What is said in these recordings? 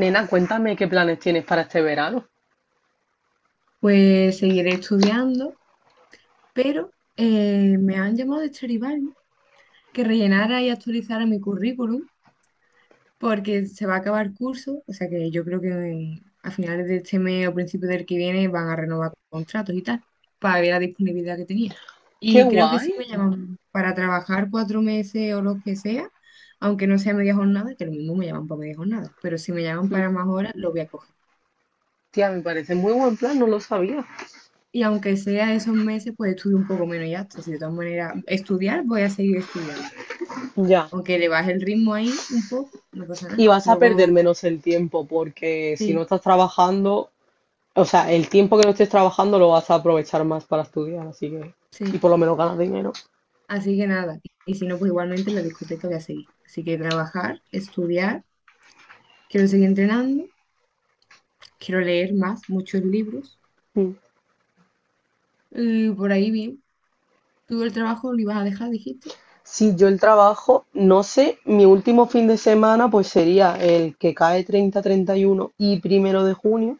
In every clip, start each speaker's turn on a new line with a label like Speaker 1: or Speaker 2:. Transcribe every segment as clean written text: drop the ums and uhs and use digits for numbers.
Speaker 1: Nena, cuéntame qué planes tienes para este verano.
Speaker 2: Pues seguiré estudiando, pero me han llamado de Stradivari que rellenara y actualizara mi currículum porque se va a acabar curso, o sea que yo creo que a finales de este mes o principios del que viene van a renovar contratos y tal, para ver la disponibilidad que tenía.
Speaker 1: ¡Qué
Speaker 2: Y creo que sí
Speaker 1: guay!
Speaker 2: me llaman para trabajar 4 meses o lo que sea, aunque no sea media jornada, que lo mismo me llaman para media jornada, pero si me llaman
Speaker 1: Mm,
Speaker 2: para más horas, lo voy a coger.
Speaker 1: Tía, me parece muy buen plan, no lo sabía.
Speaker 2: Y aunque sea esos meses, pues estudio un poco menos y ya está. Si de todas maneras, estudiar, voy a seguir estudiando.
Speaker 1: Ya.
Speaker 2: Aunque le baje el ritmo ahí un poco, no pasa
Speaker 1: Y
Speaker 2: nada.
Speaker 1: vas a perder
Speaker 2: Luego,
Speaker 1: menos el tiempo porque si no
Speaker 2: sí,
Speaker 1: estás trabajando, o sea, el tiempo que no estés trabajando lo vas a aprovechar más para estudiar, así que... Y
Speaker 2: sí.
Speaker 1: por lo menos ganas dinero.
Speaker 2: Así que nada. Y si no, pues igualmente en la discoteca voy a seguir. Así que trabajar, estudiar, quiero seguir entrenando, quiero leer más, muchos libros.
Speaker 1: Mm.
Speaker 2: Y por ahí bien. Tú el trabajo lo ibas a dejar, dijiste.
Speaker 1: Sí, yo el trabajo, no sé, mi último fin de semana pues sería el que cae 30-31 y uno y primero de junio.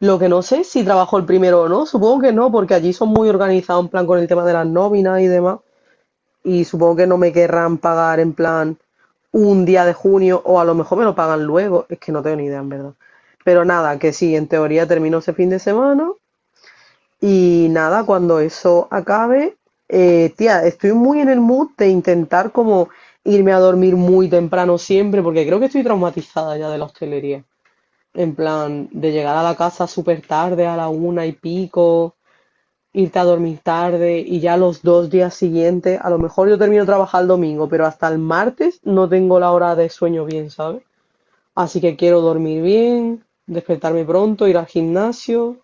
Speaker 1: Lo que no sé es si trabajó el primero o no, supongo que no, porque allí son muy organizados en plan con el tema de las nóminas y demás, y supongo que no me querrán pagar en plan un día de junio o a lo mejor me lo pagan luego, es que no tengo ni idea en verdad. Pero nada, que sí, en teoría termino ese fin de semana y nada, cuando eso acabe, tía, estoy muy en el mood de intentar como irme a dormir muy temprano siempre, porque creo que estoy traumatizada ya de la hostelería. En plan, de llegar a la casa súper tarde, a la una y pico, irte a dormir tarde y ya los dos días siguientes, a lo mejor yo termino de trabajar el domingo, pero hasta el martes no tengo la hora de sueño bien, ¿sabes? Así que quiero dormir bien, despertarme pronto, ir al gimnasio,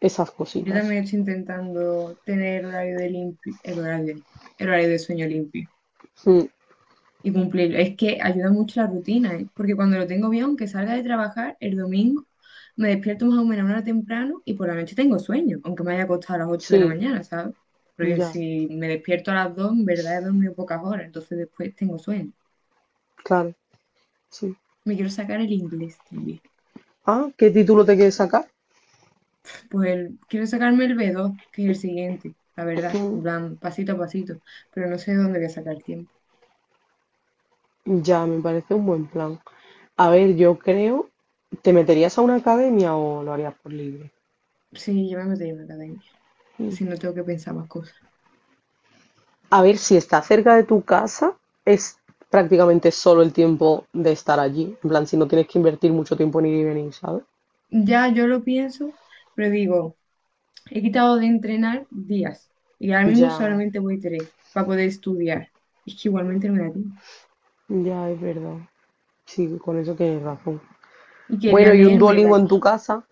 Speaker 1: esas
Speaker 2: Yo
Speaker 1: cositas.
Speaker 2: también estoy intentando tener horario de limpio, el horario de sueño limpio.
Speaker 1: Mm,
Speaker 2: Y cumplirlo. Es que ayuda mucho la rutina, ¿eh? Porque cuando lo tengo bien, aunque salga de trabajar el domingo, me despierto más o menos una hora temprano y por la noche tengo sueño, aunque me haya acostado a las ocho de la
Speaker 1: sí,
Speaker 2: mañana, ¿sabes? Porque
Speaker 1: ya,
Speaker 2: si me despierto a las 2, en verdad he dormido pocas horas, entonces después tengo sueño.
Speaker 1: claro, sí.
Speaker 2: Me quiero sacar el inglés también.
Speaker 1: Ah, ¿qué título te quieres sacar?
Speaker 2: Pues quiero sacarme el B2, que es el siguiente, la verdad, en
Speaker 1: Mm,
Speaker 2: plan, pasito a pasito, pero no sé dónde voy a sacar tiempo.
Speaker 1: ya, me parece un buen plan. A ver, yo creo, ¿te meterías a una academia o lo harías por libre?
Speaker 2: Sí, yo me metería en una academia,
Speaker 1: Mm.
Speaker 2: si no tengo que pensar más cosas.
Speaker 1: A ver, si está cerca de tu casa, es prácticamente solo el tiempo de estar allí. En plan, si no tienes que invertir mucho tiempo en ir y venir, ¿sabes?
Speaker 2: Ya yo lo pienso, pero digo... He quitado de entrenar días y ahora mismo
Speaker 1: Ya,
Speaker 2: solamente voy tres para poder estudiar. Es que igualmente no me da tiempo.
Speaker 1: ya es verdad. Sí, con eso tienes razón.
Speaker 2: Y quería
Speaker 1: Bueno, ¿y un
Speaker 2: leerme de
Speaker 1: Duolingo en tu
Speaker 2: aquí,
Speaker 1: casa?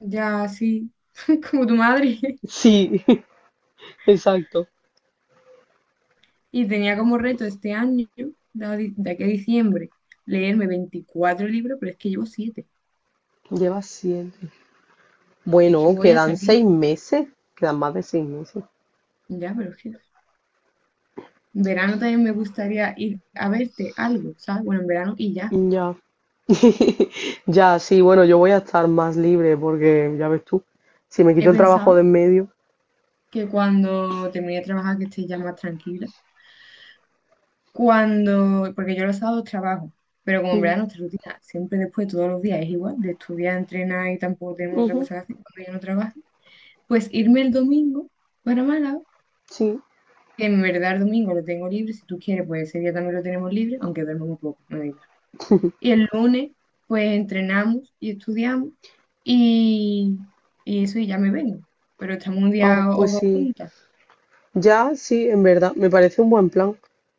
Speaker 2: ya así, como tu madre.
Speaker 1: Sí, exacto.
Speaker 2: Y tenía como reto este año, de de aquí a diciembre, leerme 24 libros, pero es que llevo siete.
Speaker 1: Llevas siete.
Speaker 2: Es que
Speaker 1: Bueno,
Speaker 2: voy hasta
Speaker 1: quedan
Speaker 2: aquí.
Speaker 1: seis meses, quedan más de seis meses.
Speaker 2: Ya, pero es que en verano también me gustaría ir a verte algo, ¿sabes? Bueno, en verano y ya.
Speaker 1: Ya. Ya, sí, bueno, yo voy a estar más libre porque, ya ves tú, si me quito
Speaker 2: He
Speaker 1: el trabajo
Speaker 2: pensado
Speaker 1: de en medio.
Speaker 2: que cuando termine de trabajar, que esté ya más tranquila. Cuando, porque yo los sábados trabajo, pero como en
Speaker 1: Ujú,
Speaker 2: verdad nuestra rutina siempre después, todos los días es igual, de estudiar, entrenar y tampoco tenemos otra
Speaker 1: ujú,
Speaker 2: cosa que hacer cuando yo no trabajo, pues irme el domingo para Málaga,
Speaker 1: sí.
Speaker 2: que en verdad el domingo lo tengo libre, si tú quieres, pues ese día también lo tenemos libre, aunque duermo muy poco, me da igual. Y el lunes, pues entrenamos y estudiamos y, y eso, y ya me vengo, pero estamos un
Speaker 1: Ah,
Speaker 2: día o
Speaker 1: pues
Speaker 2: dos
Speaker 1: sí.
Speaker 2: juntas
Speaker 1: Ya, sí, en verdad, me parece un buen plan.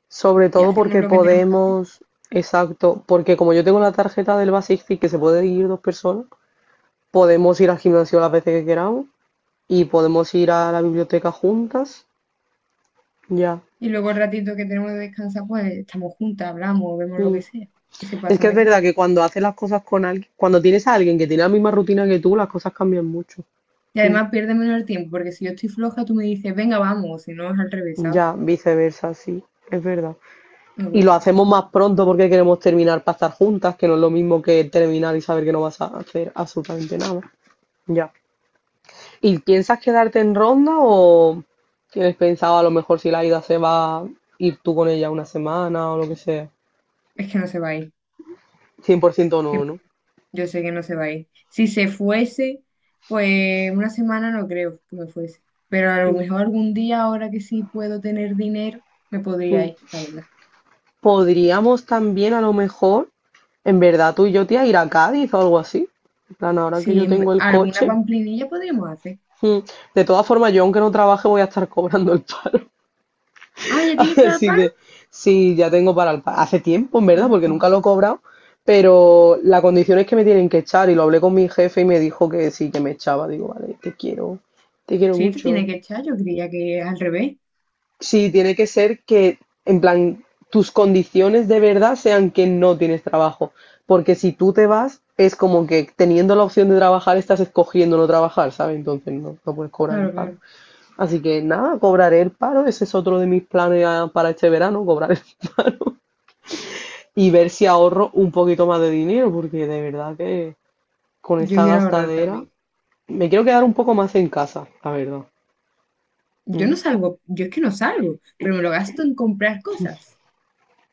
Speaker 1: Sobre
Speaker 2: y
Speaker 1: todo
Speaker 2: hacemos
Speaker 1: porque
Speaker 2: lo que tenemos que hacer.
Speaker 1: podemos, exacto, porque como yo tengo la tarjeta del Basic Fit que se puede ir dos personas, podemos ir al gimnasio las veces que queramos y podemos ir a la biblioteca juntas. Ya.
Speaker 2: Y luego el ratito que tenemos de descansar, pues estamos juntas, hablamos, vemos lo
Speaker 1: Mm.
Speaker 2: que sea, que se
Speaker 1: Es
Speaker 2: pasa
Speaker 1: que es
Speaker 2: mejor.
Speaker 1: verdad que cuando haces las cosas con alguien, cuando tienes a alguien que tiene la misma rutina que tú, las cosas cambian mucho.
Speaker 2: Y
Speaker 1: Mm,
Speaker 2: además pierde menos el tiempo, porque si yo estoy floja, tú me dices, venga, vamos, si no es al revés, ¿sabes?
Speaker 1: ya, viceversa, sí, es verdad.
Speaker 2: Me
Speaker 1: Y lo
Speaker 2: gusta.
Speaker 1: hacemos más pronto porque queremos terminar para estar juntas, que no es lo mismo que terminar y saber que no vas a hacer absolutamente nada. Ya. ¿Y piensas quedarte en Ronda o tienes pensado a lo mejor si la ida se va ir tú con ella una semana o lo que sea?
Speaker 2: Es que no se va a ir.
Speaker 1: Cien por ciento
Speaker 2: Es que
Speaker 1: no, ¿no?
Speaker 2: yo sé que no se va a ir. Si se fuese, pues una semana no creo que me fuese. Pero a lo
Speaker 1: Mm,
Speaker 2: mejor algún día, ahora que sí puedo tener dinero, me podría
Speaker 1: mm.
Speaker 2: ir, la verdad.
Speaker 1: Podríamos también a lo mejor, en verdad tú y yo, tía, ir a Cádiz o algo así. En plan, ahora que
Speaker 2: Sí,
Speaker 1: yo tengo el
Speaker 2: alguna
Speaker 1: coche.
Speaker 2: pamplinilla podríamos hacer.
Speaker 1: Mm, de todas formas, yo aunque no trabaje voy a estar cobrando el paro.
Speaker 2: Ah, ¿ya tienes para el
Speaker 1: Así
Speaker 2: paro?
Speaker 1: que sí, ya tengo para el paro. Hace tiempo, en verdad,
Speaker 2: Ah,
Speaker 1: porque
Speaker 2: qué
Speaker 1: nunca
Speaker 2: bien.
Speaker 1: lo he cobrado. Pero la condición es que me tienen que echar. Y lo hablé con mi jefe y me dijo que sí, que me echaba. Digo, vale, te quiero
Speaker 2: Sí, te
Speaker 1: mucho.
Speaker 2: tiene que echar, yo creía que al revés.
Speaker 1: Sí, tiene que ser que, en plan, tus condiciones de verdad sean que no tienes trabajo. Porque si tú te vas, es como que teniendo la opción de trabajar, estás escogiendo no trabajar, ¿sabes? Entonces no, no puedes cobrar el
Speaker 2: Claro,
Speaker 1: paro.
Speaker 2: claro.
Speaker 1: Así que nada, cobraré el paro. Ese es otro de mis planes para este verano, cobrar el- y ver si ahorro un poquito más de dinero, porque de verdad que con
Speaker 2: Yo
Speaker 1: esta
Speaker 2: quiero ahorrar
Speaker 1: gastadera
Speaker 2: también.
Speaker 1: me quiero quedar un poco más en casa, la verdad.
Speaker 2: Yo no
Speaker 1: Mm,
Speaker 2: salgo, yo es que no salgo, pero me lo gasto en comprar cosas.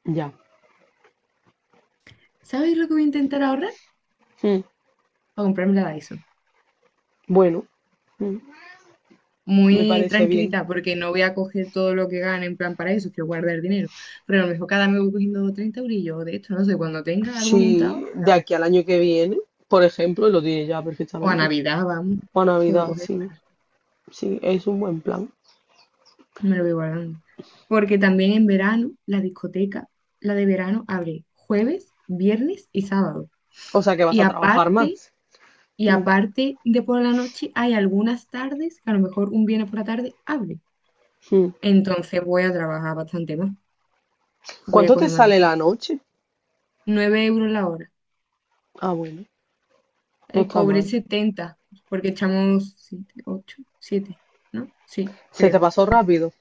Speaker 1: ya.
Speaker 2: ¿Sabes lo que voy a intentar ahorrar?
Speaker 1: Mm,
Speaker 2: A comprarme la Dyson.
Speaker 1: bueno, mm, me
Speaker 2: Muy
Speaker 1: parece bien.
Speaker 2: tranquilita, porque no voy a coger todo lo que gane en plan para eso, quiero guardar dinero. Pero a lo mejor cada mes voy cogiendo 30 eurillos de esto, no sé, cuando tenga algo
Speaker 1: Sí,
Speaker 2: montado, me
Speaker 1: de
Speaker 2: la
Speaker 1: aquí
Speaker 2: compro.
Speaker 1: al año que viene, por ejemplo, lo diré ya
Speaker 2: O a
Speaker 1: perfectamente.
Speaker 2: Navidad, vamos,
Speaker 1: O a
Speaker 2: puedo
Speaker 1: Navidad,
Speaker 2: coger,
Speaker 1: sí, sí, es un buen plan.
Speaker 2: me lo voy guardando. Porque también en verano, la discoteca, la de verano, abre jueves, viernes y sábado.
Speaker 1: O sea que vas
Speaker 2: Y
Speaker 1: a trabajar más.
Speaker 2: aparte,
Speaker 1: Mm,
Speaker 2: de por la noche, hay algunas tardes que a lo mejor un viernes por la tarde abre.
Speaker 1: mm.
Speaker 2: Entonces voy a trabajar bastante más. Voy a
Speaker 1: ¿Cuánto te
Speaker 2: coger más
Speaker 1: sale
Speaker 2: dinero.
Speaker 1: la noche?
Speaker 2: 9 euros la hora.
Speaker 1: Ah, bueno, no está
Speaker 2: Cobré
Speaker 1: mal.
Speaker 2: 70 porque echamos siete, ocho, siete, ¿no? Sí,
Speaker 1: Se te
Speaker 2: creo.
Speaker 1: pasó rápido.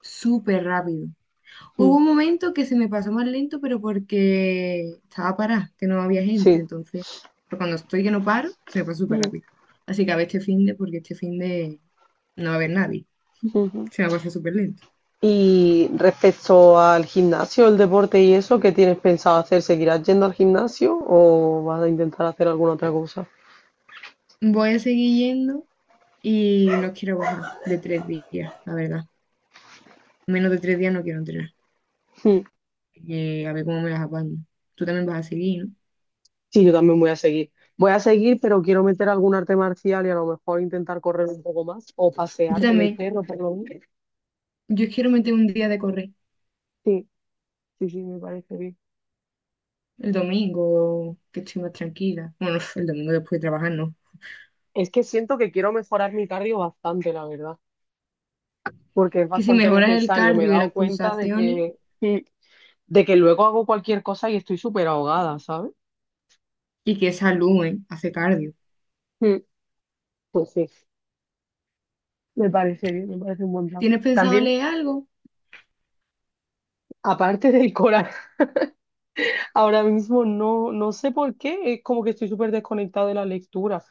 Speaker 2: Súper rápido. Hubo
Speaker 1: Mm,
Speaker 2: un momento que se me pasó más lento, pero porque estaba parada, que no había gente.
Speaker 1: sí.
Speaker 2: Entonces, pero cuando estoy que no paro, se me pasa súper
Speaker 1: Mm,
Speaker 2: rápido. Así que a ver este finde, porque este finde no va a haber nadie.
Speaker 1: ujú.
Speaker 2: Se me pasa súper lento.
Speaker 1: Y respecto al gimnasio, el deporte y eso, ¿qué tienes pensado hacer? ¿Seguirás yendo al gimnasio o vas a intentar hacer alguna otra cosa?
Speaker 2: Voy a seguir yendo y no quiero bajar de 3 días, la verdad. Menos de 3 días no quiero entrenar.
Speaker 1: Mm.
Speaker 2: A ver cómo me las apaño. Tú también vas a seguir, ¿no?
Speaker 1: Sí, yo también voy a seguir. Voy a seguir, pero quiero meter algún arte marcial y a lo mejor intentar correr un poco más o
Speaker 2: Yo
Speaker 1: pasear con el
Speaker 2: también.
Speaker 1: perro, por lo menos.
Speaker 2: Yo quiero meter un día de correr.
Speaker 1: Sí, sí, sí, me parece bien.
Speaker 2: El domingo, que estoy más tranquila. Bueno, el domingo después de trabajar, no.
Speaker 1: Es que siento que quiero mejorar mi cardio bastante, la verdad, porque es
Speaker 2: Que si
Speaker 1: bastante
Speaker 2: mejoras el
Speaker 1: necesario. Me he
Speaker 2: cardio y las
Speaker 1: dado cuenta de
Speaker 2: pulsaciones,
Speaker 1: que, de que luego hago cualquier cosa y estoy súper ahogada, ¿sabes?
Speaker 2: y que saluden hace cardio.
Speaker 1: Mm, pues sí, me parece bien, me parece un buen plan.
Speaker 2: ¿Tienes pensado
Speaker 1: También,
Speaker 2: leer algo?
Speaker 1: aparte del coral, ahora mismo no, no sé por qué, es como que estoy súper desconectada de la lectura.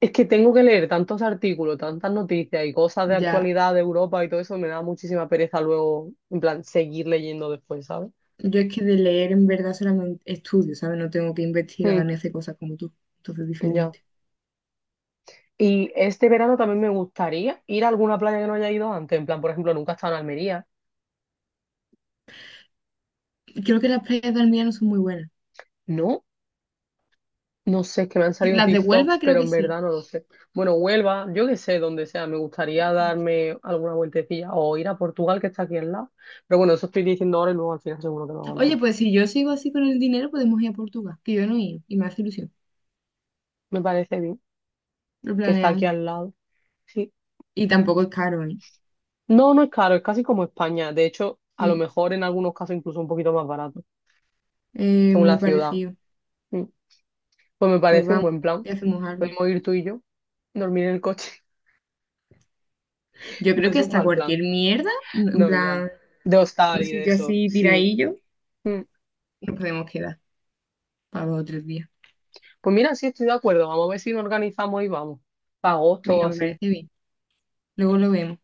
Speaker 1: Es que tengo que leer tantos artículos, tantas noticias y cosas de
Speaker 2: Ya,
Speaker 1: actualidad de Europa y todo eso, me da muchísima pereza luego, en plan, seguir leyendo después, ¿sabes?
Speaker 2: yo es que de leer en verdad solamente estudio, ¿sabes? No tengo que
Speaker 1: Mm,
Speaker 2: investigar ni hacer cosas como tú, entonces es
Speaker 1: ya.
Speaker 2: diferente.
Speaker 1: Y este verano también me gustaría ir a alguna playa que no haya ido antes, en plan, por ejemplo, nunca he estado en Almería,
Speaker 2: Creo que las playas de Almería no son muy buenas.
Speaker 1: ¿no? No sé, es que me han salido
Speaker 2: Las de Huelva
Speaker 1: TikToks,
Speaker 2: creo
Speaker 1: pero
Speaker 2: que
Speaker 1: en
Speaker 2: sí.
Speaker 1: verdad no lo sé. Bueno, Huelva, yo qué sé, donde sea, me gustaría darme alguna vueltecilla o ir a Portugal, que está aquí al lado. Pero bueno, eso estoy diciendo ahora y luego al final seguro que no hago
Speaker 2: Oye,
Speaker 1: nada.
Speaker 2: pues si yo sigo así con el dinero, podemos ir a Portugal, que yo no he ido y me hace ilusión.
Speaker 1: Me parece bien
Speaker 2: Lo
Speaker 1: que está aquí
Speaker 2: planeamos.
Speaker 1: al lado. Sí.
Speaker 2: Y tampoco es caro, ¿eh?
Speaker 1: No, no es caro, es casi como España. De hecho, a lo
Speaker 2: Sí,
Speaker 1: mejor en algunos casos incluso un poquito más barato, según
Speaker 2: muy
Speaker 1: la ciudad.
Speaker 2: parecido.
Speaker 1: Mm. Pues me
Speaker 2: Pues
Speaker 1: parece un
Speaker 2: vamos
Speaker 1: buen
Speaker 2: y
Speaker 1: plan.
Speaker 2: hacemos algo.
Speaker 1: Podemos ir tú y yo, dormir en el coche.
Speaker 2: Yo
Speaker 1: No
Speaker 2: creo
Speaker 1: es
Speaker 2: que
Speaker 1: un
Speaker 2: hasta
Speaker 1: mal plan.
Speaker 2: cualquier mierda, ¿no?, en
Speaker 1: No, ya.
Speaker 2: plan,
Speaker 1: De
Speaker 2: un
Speaker 1: hostal y de
Speaker 2: sitio
Speaker 1: eso,
Speaker 2: así
Speaker 1: sí.
Speaker 2: tiradillo,
Speaker 1: Mm.
Speaker 2: y nos podemos quedar para 2 o 3 días.
Speaker 1: Pues mira, sí estoy de acuerdo. Vamos a ver si nos organizamos y vamos. Para agosto o
Speaker 2: Venga, me
Speaker 1: así.
Speaker 2: parece bien. Luego lo vemos.